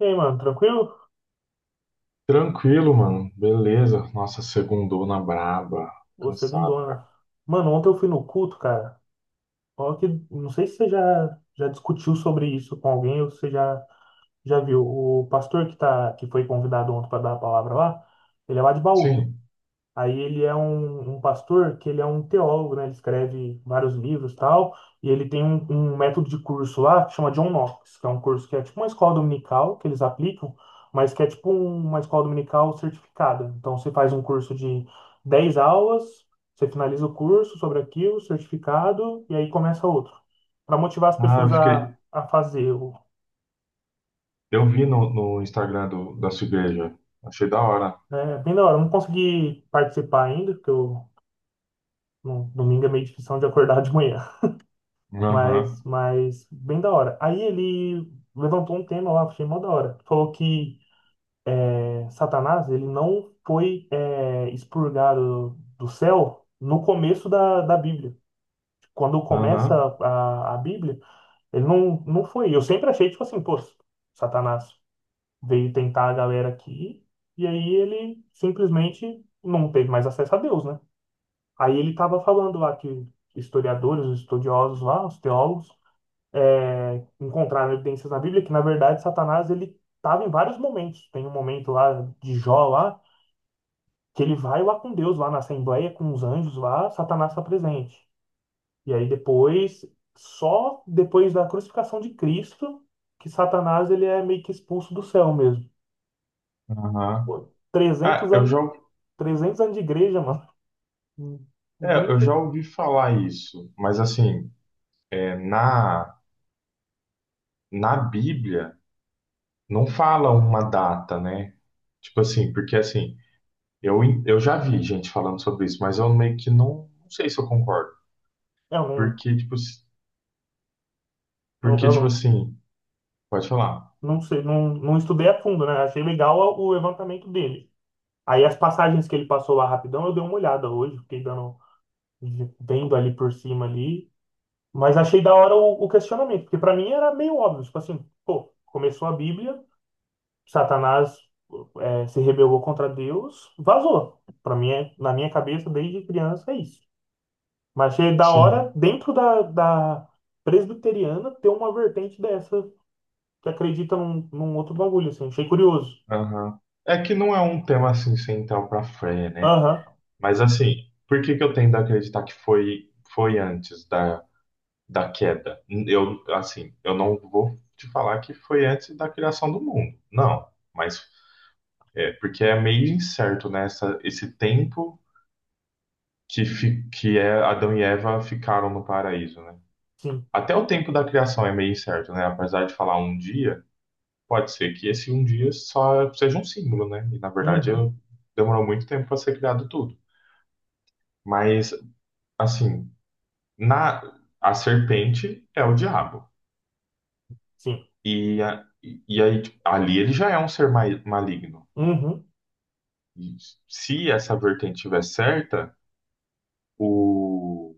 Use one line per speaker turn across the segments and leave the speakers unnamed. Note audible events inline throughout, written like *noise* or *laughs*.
E aí, mano, tranquilo?
Tranquilo, mano. Beleza. Nossa, segundou na braba.
Ô, segundo
Cansado, cara.
ano. Mano, ontem eu fui no culto, cara. Ó, que, não sei se você já, discutiu sobre isso com alguém ou se você já, já viu. O pastor que, tá, que foi convidado ontem para dar a palavra lá, ele é lá de Bauru.
Sim.
Aí ele é um pastor que ele é um teólogo, né? Ele escreve vários livros, tal, e ele tem um método de curso lá que chama John Knox, que é um curso que é tipo uma escola dominical que eles aplicam, mas que é tipo uma escola dominical certificada. Então você faz um curso de 10 aulas, você finaliza o curso sobre aquilo, certificado, e aí começa outro, para motivar as
Ah, eu
pessoas a,
fiquei.
a fazer o,
Eu vi no Instagram da sua igreja. Achei da hora.
né? É Bem da hora. Eu não consegui participar ainda, porque eu, no, domingo é meio difícil de acordar de manhã. Mas,
Aham,
bem da hora. Aí ele levantou um tema lá, achei mó da hora. Falou que é, Satanás, ele não foi é, expurgado do céu no começo da Bíblia. Quando começa
aham,
a Bíblia, ele não, foi. Eu sempre achei, tipo assim, pô, Satanás veio tentar a galera aqui, e aí ele simplesmente não teve mais acesso a Deus, né? Aí ele tava falando lá que historiadores, estudiosos lá, os teólogos, é, encontrar evidências na Bíblia que, na verdade, Satanás ele estava em vários momentos. Tem um momento lá de Jó lá que ele vai lá com Deus lá na assembleia com os anjos lá, Satanás está presente. E aí depois, só depois da crucificação de Cristo que Satanás ele é meio que expulso do céu mesmo.
aham.
Pô,
Ah,
300
eu
anos,
já,
300 anos de igreja, mano.
é, eu
Nunca,
já ouvi falar isso, mas assim, é, na Bíblia não fala uma data, né? Tipo assim, porque assim, eu já vi gente falando sobre isso, mas eu meio que não sei se eu concordo.
eu não,
Porque, tipo,
eu,
porque,
eu
tipo
não,
assim. Pode falar.
não sei, não, estudei a fundo, né? Achei legal o levantamento dele. Aí as passagens que ele passou lá rapidão, eu dei uma olhada hoje, fiquei dando, vendo ali por cima ali, mas achei da hora o questionamento, porque para mim era meio óbvio, tipo assim, pô, começou a Bíblia, Satanás é, se rebelou contra Deus, vazou. Para mim, é, na minha cabeça, desde criança, é isso. Mas achei da hora,
Sim.
dentro da presbiteriana, ter uma vertente dessa, que acredita num outro bagulho, assim, achei curioso.
Aham. É que não é um tema assim central para a Freya, né?
Aham,
Mas assim, por que que eu tendo a acreditar que foi antes da, da queda? Eu assim, eu não vou te falar que foi antes da criação do mundo. Não, mas é porque é meio incerto nessa esse tempo que é Adão e Eva ficaram no paraíso, né?
sim,
Até o tempo da criação é meio incerto, né? Apesar de falar um dia. Pode ser que esse um dia só seja um símbolo, né? E na verdade
uhum,
demorou muito tempo para ser criado tudo. Mas assim, na a serpente é o diabo
sim,
e, e aí tipo, ali ele já é um ser maligno.
uhum.
E se essa vertente estiver certa, o,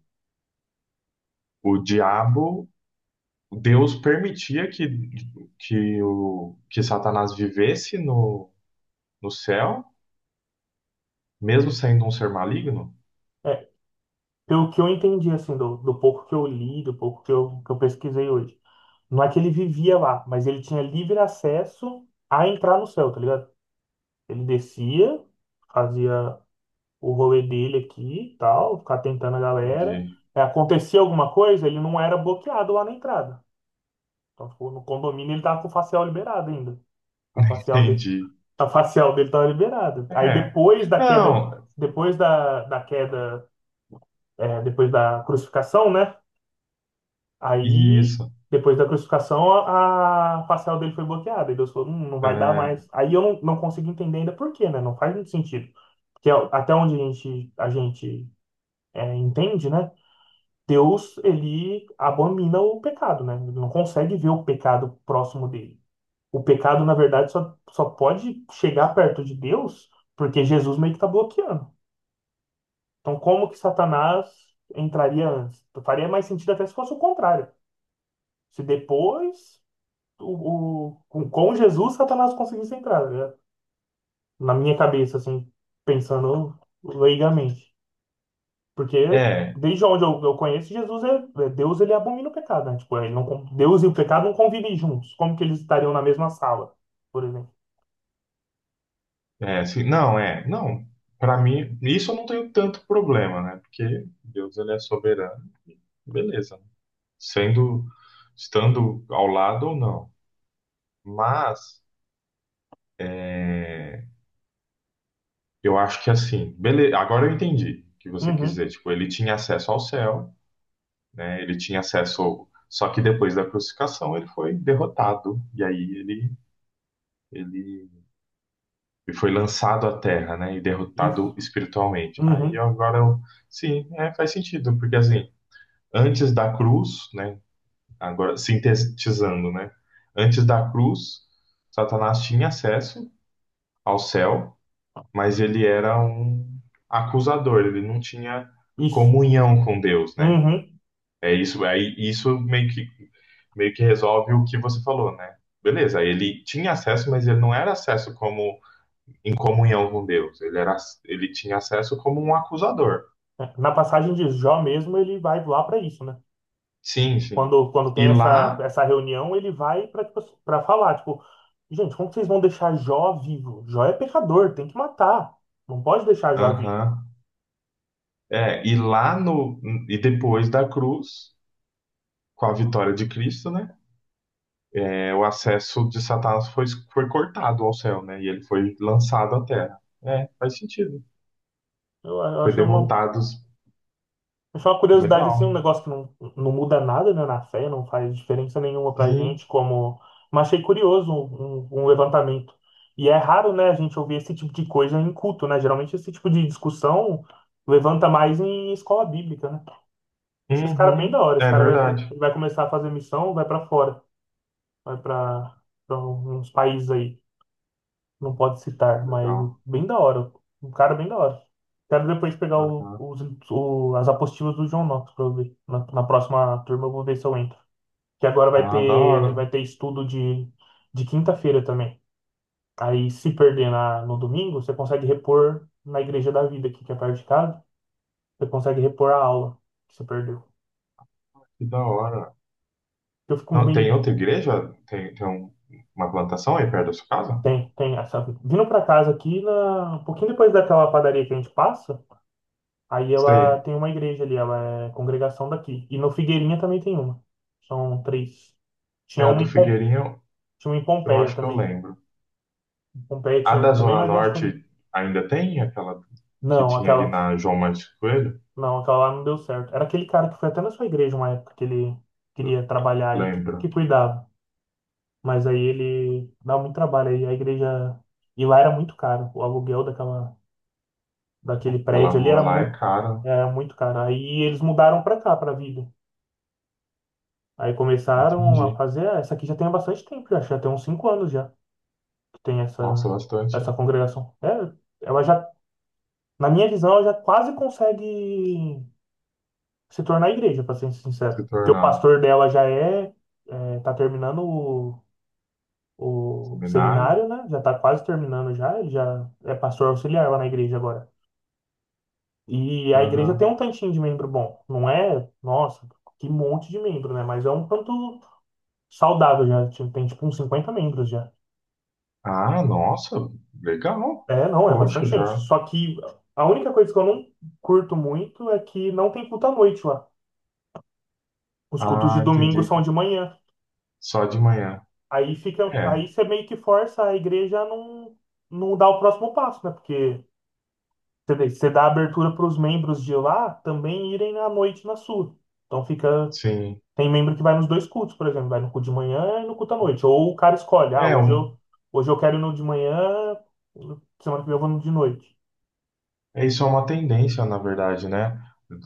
o diabo, Deus permitia que o que Satanás vivesse no céu, mesmo sendo um ser maligno.
É, Pelo que eu entendi, assim, do pouco que eu li, do pouco que eu pesquisei hoje. Não é que ele vivia lá, mas ele tinha livre acesso a entrar no céu, tá ligado? Ele descia, fazia o rolê dele aqui e tal, ficar tentando a galera.
Entendi,
É, acontecia alguma coisa, ele não era bloqueado lá na entrada. Então, tipo, no condomínio ele tava com o facial liberado ainda. A
*laughs*
facial dele,
entendi.
a facial dele tava liberada. Aí
É.
depois da queda,
Não,
depois da queda, é, depois da crucificação, né? Aí,
isso.
depois da crucificação, a facial dele foi bloqueada. E Deus falou, não vai dar
É,
mais." Aí eu não, consigo entender ainda por quê, né? Não faz muito sentido. Porque a- até onde a gente é, entende, né? Deus, ele abomina o pecado, né? Ele não consegue ver o pecado próximo dele. O pecado, na verdade, só, pode chegar perto de Deus porque Jesus meio que está bloqueando. Então, como que Satanás entraria antes? Faria mais sentido até se fosse o contrário. Se depois o, com Jesus, Satanás conseguisse entrar, né? Na minha cabeça, assim, pensando leigamente. Porque
é,
desde onde eu conheço, Jesus é, é- Deus, ele abomina o pecado, né? Tipo, ele não, con- Deus e o pecado não convivem juntos. Como que eles estariam na mesma sala, por exemplo?
é sim, não, é, não. Para mim, isso eu não tenho tanto problema, né? Porque Deus ele é soberano, beleza. Sendo, estando ao lado ou não. Mas é, eu acho que assim, beleza. Agora eu entendi o que você quis
Uhum,
dizer. Tipo, ele tinha acesso ao céu, né? Ele tinha acesso. Só que depois da crucificação ele foi derrotado e aí ele ele e foi lançado à terra, né, e
isso,
derrotado espiritualmente. Aí
uhum,
agora eu, sim, é, faz sentido, porque assim, antes da cruz, né, agora sintetizando, né, antes da cruz, Satanás tinha acesso ao céu, mas ele era um acusador, ele não tinha
isso,
comunhão com Deus, né?
uhum.
É isso, aí isso meio que resolve o que você falou, né? Beleza, ele tinha acesso, mas ele não era acesso como em comunhão com Deus. Ele era, ele tinha acesso como um acusador.
É, Na passagem de Jó mesmo, ele vai lá para isso, né?
Sim, sim.
Quando, quando tem
E
essa,
lá,
essa reunião, ele vai para tipo, para falar, tipo, gente, como que vocês vão deixar Jó vivo? Jó é pecador, tem que matar. Não pode deixar Jó
aham,
vivo.
é, e lá no e depois da cruz, com a vitória de Cristo, né? É, o acesso de Satanás foi cortado ao céu, né? E ele foi lançado à terra. É, faz sentido.
Eu
Foi derrotado.
achei uma curiosidade, assim,
Legal.
um negócio que não, não muda nada, né, na fé, não faz diferença nenhuma pra
Sim.
gente, como... Mas achei curioso um levantamento. E é raro, né, a gente ouvir esse tipo de coisa em culto, né? Geralmente esse tipo de discussão levanta mais em escola bíblica, né? Eu achei esse cara bem
Uhum.
da hora. Esse
É
cara vai,
verdade.
vai começar a fazer missão, vai pra fora. Vai para uns países aí, não pode citar, mas
Legal.
bem da hora, um cara bem da hora. Quero depois pegar
Aham.
os, as apostilas do John Knox para eu ver. Na, na próxima turma eu vou ver se eu entro. Que agora
Ah, da hora.
vai ter estudo de quinta-feira também. Aí se perder na, no domingo, você consegue repor na Igreja da Vida aqui, que é perto de casa. Você consegue repor a aula que você perdeu.
Que da hora.
Eu fico
Não, tem
meio...
outra igreja? Tem, tem um- uma plantação aí perto da sua casa?
Tem, tem. Essa, vindo para casa aqui, na, um pouquinho depois daquela padaria que a gente passa, aí ela
Sei.
tem uma igreja ali, ela é congregação daqui. E no Figueirinha também tem uma. São três.
É
Tinha
a
uma
do
em,
Figueirinho,
tinha uma em
eu
Pompeia
acho que eu
também.
lembro.
Em Pompeia
A
tinha
da
uma também,
Zona
mas eu acho que era...
Norte ainda tem? Aquela que
Não,
tinha ali
aquela,
na João Martins Coelho?
não, aquela lá não deu certo. Era aquele cara que foi até na sua igreja uma época que ele
L-
queria trabalhar aí, que
Lembro.
cuidava. Mas aí ele dá muito trabalho aí. A igreja. E lá era muito caro. O aluguel daquela, daquele
Aquela
prédio ali
rua lá é cara.
era muito caro. Aí eles mudaram pra cá, pra Vila. Aí começaram a
Entendi.
fazer. Ah, essa aqui já tem há bastante tempo, já, acho que já tem uns 5 anos já que tem
Nossa,
essa,
bastante.
essa congregação. É, ela já, na minha visão, ela já quase consegue se tornar igreja, para ser sincero.
Se
Porque o
tornar
pastor dela já é, é, tá terminando o
seminário?
seminário, né? Já tá quase terminando já, ele já é pastor auxiliar lá na igreja agora. E a igreja tem um
Aham.
tantinho de membro bom. Não é, nossa, que monte de membro, né? Mas é um tanto saudável já. Tem tipo uns 50 membros já.
Ah, nossa, legal.
É, não, é bastante
Poxa,
gente.
já.
Só que a única coisa que eu não curto muito é que não tem culto à noite lá. Os cultos de
Ah,
domingo são
entendi.
de manhã.
Só de manhã.
Aí fica,
É,
aí você meio que força a igreja a não, não dar o próximo passo, né? Porque você vê, você dá abertura para os membros de lá também irem à noite na sua. Então fica,
sim.
tem membro que vai nos dois cultos, por exemplo, vai no culto de manhã e no culto à noite. Ou o cara escolhe, ah,
É, um.
hoje eu quero ir no de manhã, semana que vem eu vou no de noite.
É, isso é uma tendência, na verdade, né?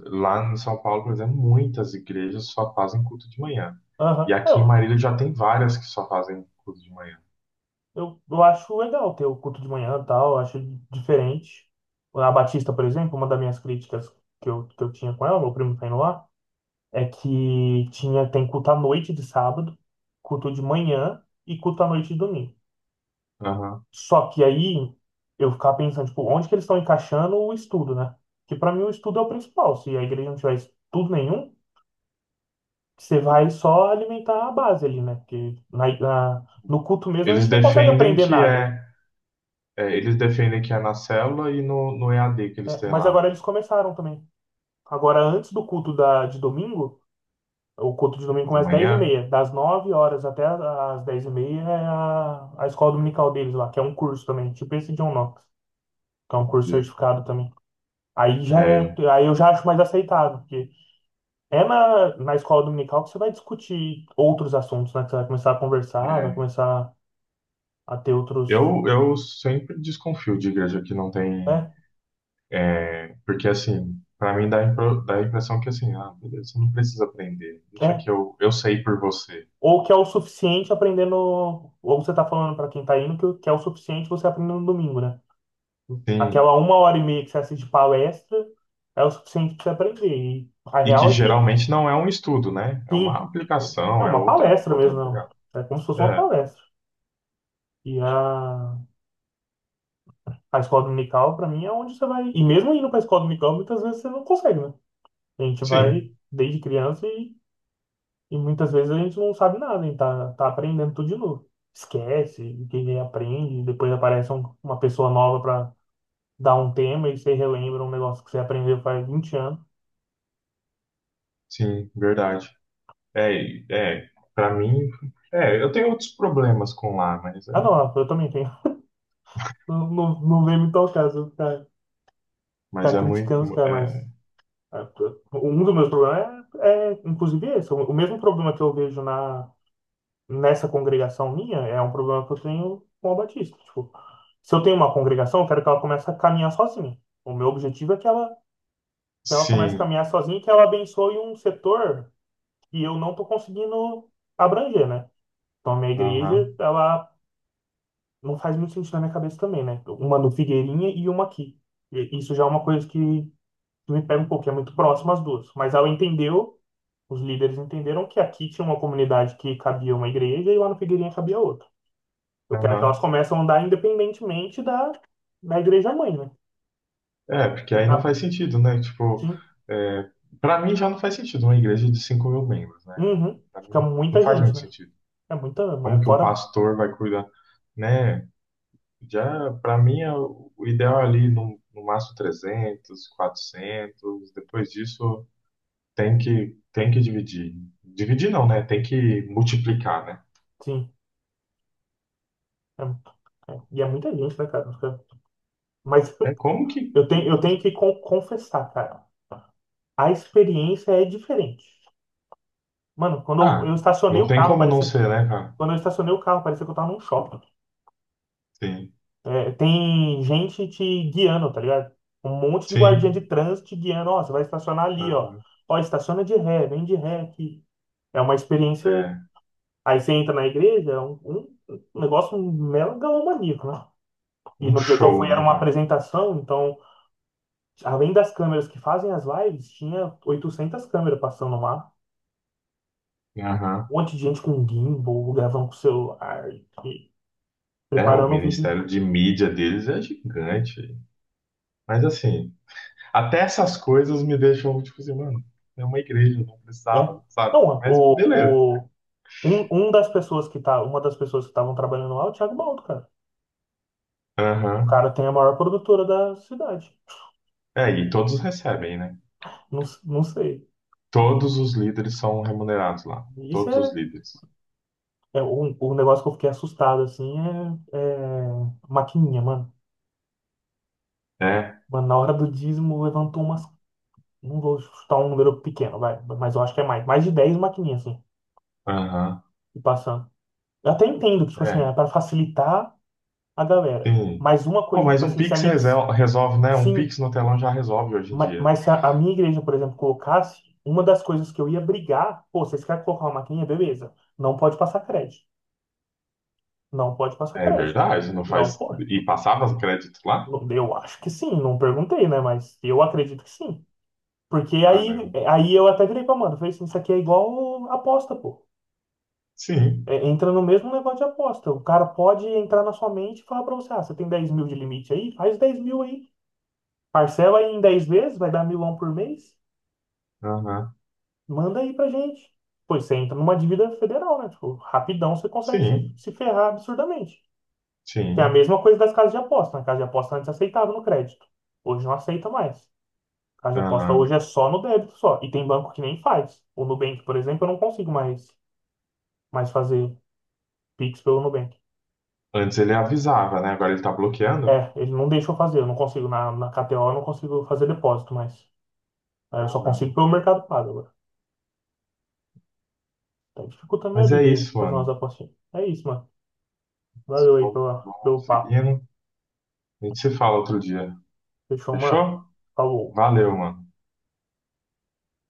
Lá em São Paulo, por exemplo, muitas igrejas só fazem culto de manhã. E
Aham.
aqui em
É,
Marília já tem várias que só fazem culto de manhã.
Eu acho legal ter o culto de manhã e tal, eu acho diferente. A Batista, por exemplo, uma das minhas críticas que eu tinha com ela, meu primo tá indo lá, é que tinha, tem culto à noite de sábado, culto de manhã e culto à noite de domingo.
Aham.
Só que aí eu ficava pensando, tipo, onde que eles estão encaixando o estudo, né? Que pra mim o estudo é o principal. Se a igreja não tiver estudo nenhum, você vai só alimentar a base ali, né? Porque na, no culto mesmo a
Eles
gente não consegue
defendem
aprender
que
nada.
é, é, eles defendem que é na célula e no EAD que eles
É,
têm
mas
lá,
agora
né?
eles começaram também. Agora, antes do culto da, de domingo, o culto de domingo
De
começa às
manhã.
10:30. Das 9 horas até às dez e meia é a escola dominical deles lá, que é um curso também, tipo esse John Knox, que é um curso
de-
certificado também. Aí já é,
é,
aí eu já acho mais aceitável, porque é na, na escola dominical que você vai discutir outros assuntos, né? Que você vai começar a conversar, vai
é.
começar a ter outros.
Eu sempre desconfio de igreja que não tem,
É,
é, porque assim, para mim dá, a dá a impressão que assim, ah, beleza, você não precisa aprender. Deixa que
é.
eu sei por você.
Ou que é o suficiente aprender no. Ou você tá falando para quem tá indo que é o suficiente você aprender no domingo, né?
Sim,
Aquela uma hora e meia que você assiste palestra é o suficiente para você aprender. E a
e que
real é que,
geralmente não é um estudo, né? É uma
sim, é
aplicação, é
uma
outra,
palestra
outra
mesmo. Não.
pegada.
É como se fosse uma
É,
palestra. E a escola dominical, para mim, é onde você vai. E mesmo indo para a escola dominical, muitas vezes você não consegue, né? A gente
sim,
vai desde criança e muitas vezes a gente não sabe nada, a gente tá, tá aprendendo tudo de novo. Esquece, o que aprende, depois aparece um- uma pessoa nova para dar um tema e você relembra um negócio que você aprendeu faz 20 anos.
sim, verdade. É, é, para mim, é, eu tenho outros problemas com lá,
Ah, não, eu também tenho. Não, não, não vem me tocar, se eu ficar,
mas
ficar
é
criticando os
muito,
caras,
é,
mas ah, t- um dos meus problemas é, é, inclusive, esse. O mesmo problema que eu vejo nessa congregação minha é um problema que eu tenho com a Batista. Tipo, se eu tenho uma congregação, eu quero que ela comece a caminhar sozinha. O meu objetivo é que ela comece a
sim,
caminhar sozinha e que ela abençoe um setor que eu não estou conseguindo abranger, né? Então, a minha igreja,
aham,
ela não faz muito sentido na minha cabeça também, né? Uma no Figueirinha e uma aqui. E isso já é uma coisa que me pega um pouquinho, é muito próximo as duas. Mas ela entendeu, os líderes entenderam que aqui tinha uma comunidade que cabia uma igreja e lá no Figueirinha cabia outra. Eu quero que elas
aham.
comecem a andar independentemente da, da igreja mãe, né?
É, porque aí
Na,
não faz sentido, né? Tipo,
sim,
é, para mim já não faz sentido uma igreja de 5 mil membros, né?
uhum.
Para mim
Fica
não, não
muita
faz
gente,
muito
né?
sentido. Como
É
que um
fora,
pastor vai cuidar, né? Já, para mim, é o ideal é ali no máximo 300, quatrocentos. Depois disso, tem que dividir. Dividir não, né? Tem que multiplicar, né?
sim. É, e é muita gente, né, cara? Mas
É como que.
*laughs* eu tenho que confessar, cara. A experiência é diferente. Mano, quando eu
Ah,
estacionei
não
o
tem
carro,
como não
parecia.
ser, né, cara?
Quando eu estacionei o carro, parecia que eu tava num shopping.
Sim,
É, tem gente te guiando, tá ligado? Um monte de guardinha
sim.
de trânsito te guiando. Ó, você vai estacionar ali,
Ah,
ó. Ó, estaciona de ré, vem de ré aqui. É uma experiência.
é
Aí você entra na igreja, é um negócio megalomaníaco, né? *laughs* E
um
no dia que eu fui
show,
era
né,
uma
cara?
apresentação, então, além das câmeras que fazem as lives, tinha 800 câmeras passando lá.
Aham.
Um monte de gente com gimbal, gravando com celular, e
É, o
preparando o vídeo.
Ministério de Mídia deles é gigante. Mas assim, até essas coisas me deixam, tipo assim, mano, é uma igreja, não
É.
precisava, sabe?
Não,
Mas beleza.
o, Um das pessoas que tá, uma das pessoas que estavam trabalhando lá é o Thiago Baldo, cara. O
Aham.
cara tem a maior produtora da cidade.
É, e todos recebem, né?
Não, não sei.
Todos
Não-
os líderes são remunerados lá.
isso
Todos os
é,
líderes.
é um negócio que eu fiquei assustado, assim, é maquininha, mano.
É,
Mano, na hora do dízimo levantou umas. Não vou chutar um número pequeno, vai, mas eu acho que é mais. Mais de 10 maquininhas, assim,
aham,
e passando. Eu até entendo que, tipo assim, é
é,
para facilitar a galera.
sim.
Mas uma
Bom,
coisa,
mas
tipo
um
assim, se a
Pix
minha,
resolve, né? Um
se,
Pix no telão já resolve hoje em
Ma-
dia.
Mas, se a, a minha igreja, por exemplo, colocasse, uma das coisas que eu ia brigar, pô, vocês querem colocar uma maquininha? Beleza. Não pode passar crédito. Não pode passar
É
crédito.
verdade, não
Não
faz.
pode.
E passava os créditos lá?
Eu acho que sim, não perguntei, né? Mas eu acredito que sim. Porque aí,
Caramba.
aí eu até virei pra mano, falei assim, isso aqui é igual aposta, pô.
Sim,
É, entra no mesmo negócio de aposta. O cara pode entrar na sua mente e falar pra você, ah, você tem 10.000 de limite aí? Faz 10.000 aí. Parcela aí em 10 vezes, vai dar milão por mês.
aham,
Manda aí pra gente. Pois você entra numa dívida federal, né? Tipo, rapidão você consegue se,
sim,
se ferrar absurdamente. Que é a
sim,
mesma coisa das casas de aposta, né? Casa de aposta antes aceitava no crédito. Hoje não aceita mais. Casa de aposta
aham.
hoje é só no débito só. E tem banco que nem faz. O Nubank, por exemplo, eu não consigo mais fazer Pix pelo Nubank.
Antes ele avisava, né? Agora ele tá bloqueando?
É, ele não deixa eu fazer. Eu não consigo. Na KTO eu não consigo fazer depósito mais. Aí eu só
Caramba.
consigo pelo Mercado Pago agora. Tá dificultando a minha
Mas é
vida aí,
isso,
fazer umas
mano.
apostinhas. É isso, mano. Valeu aí pelo
Vamos
papo.
seguindo. A gente se fala outro dia.
Fechou, mano.
Fechou?
Falou.
Valeu, mano.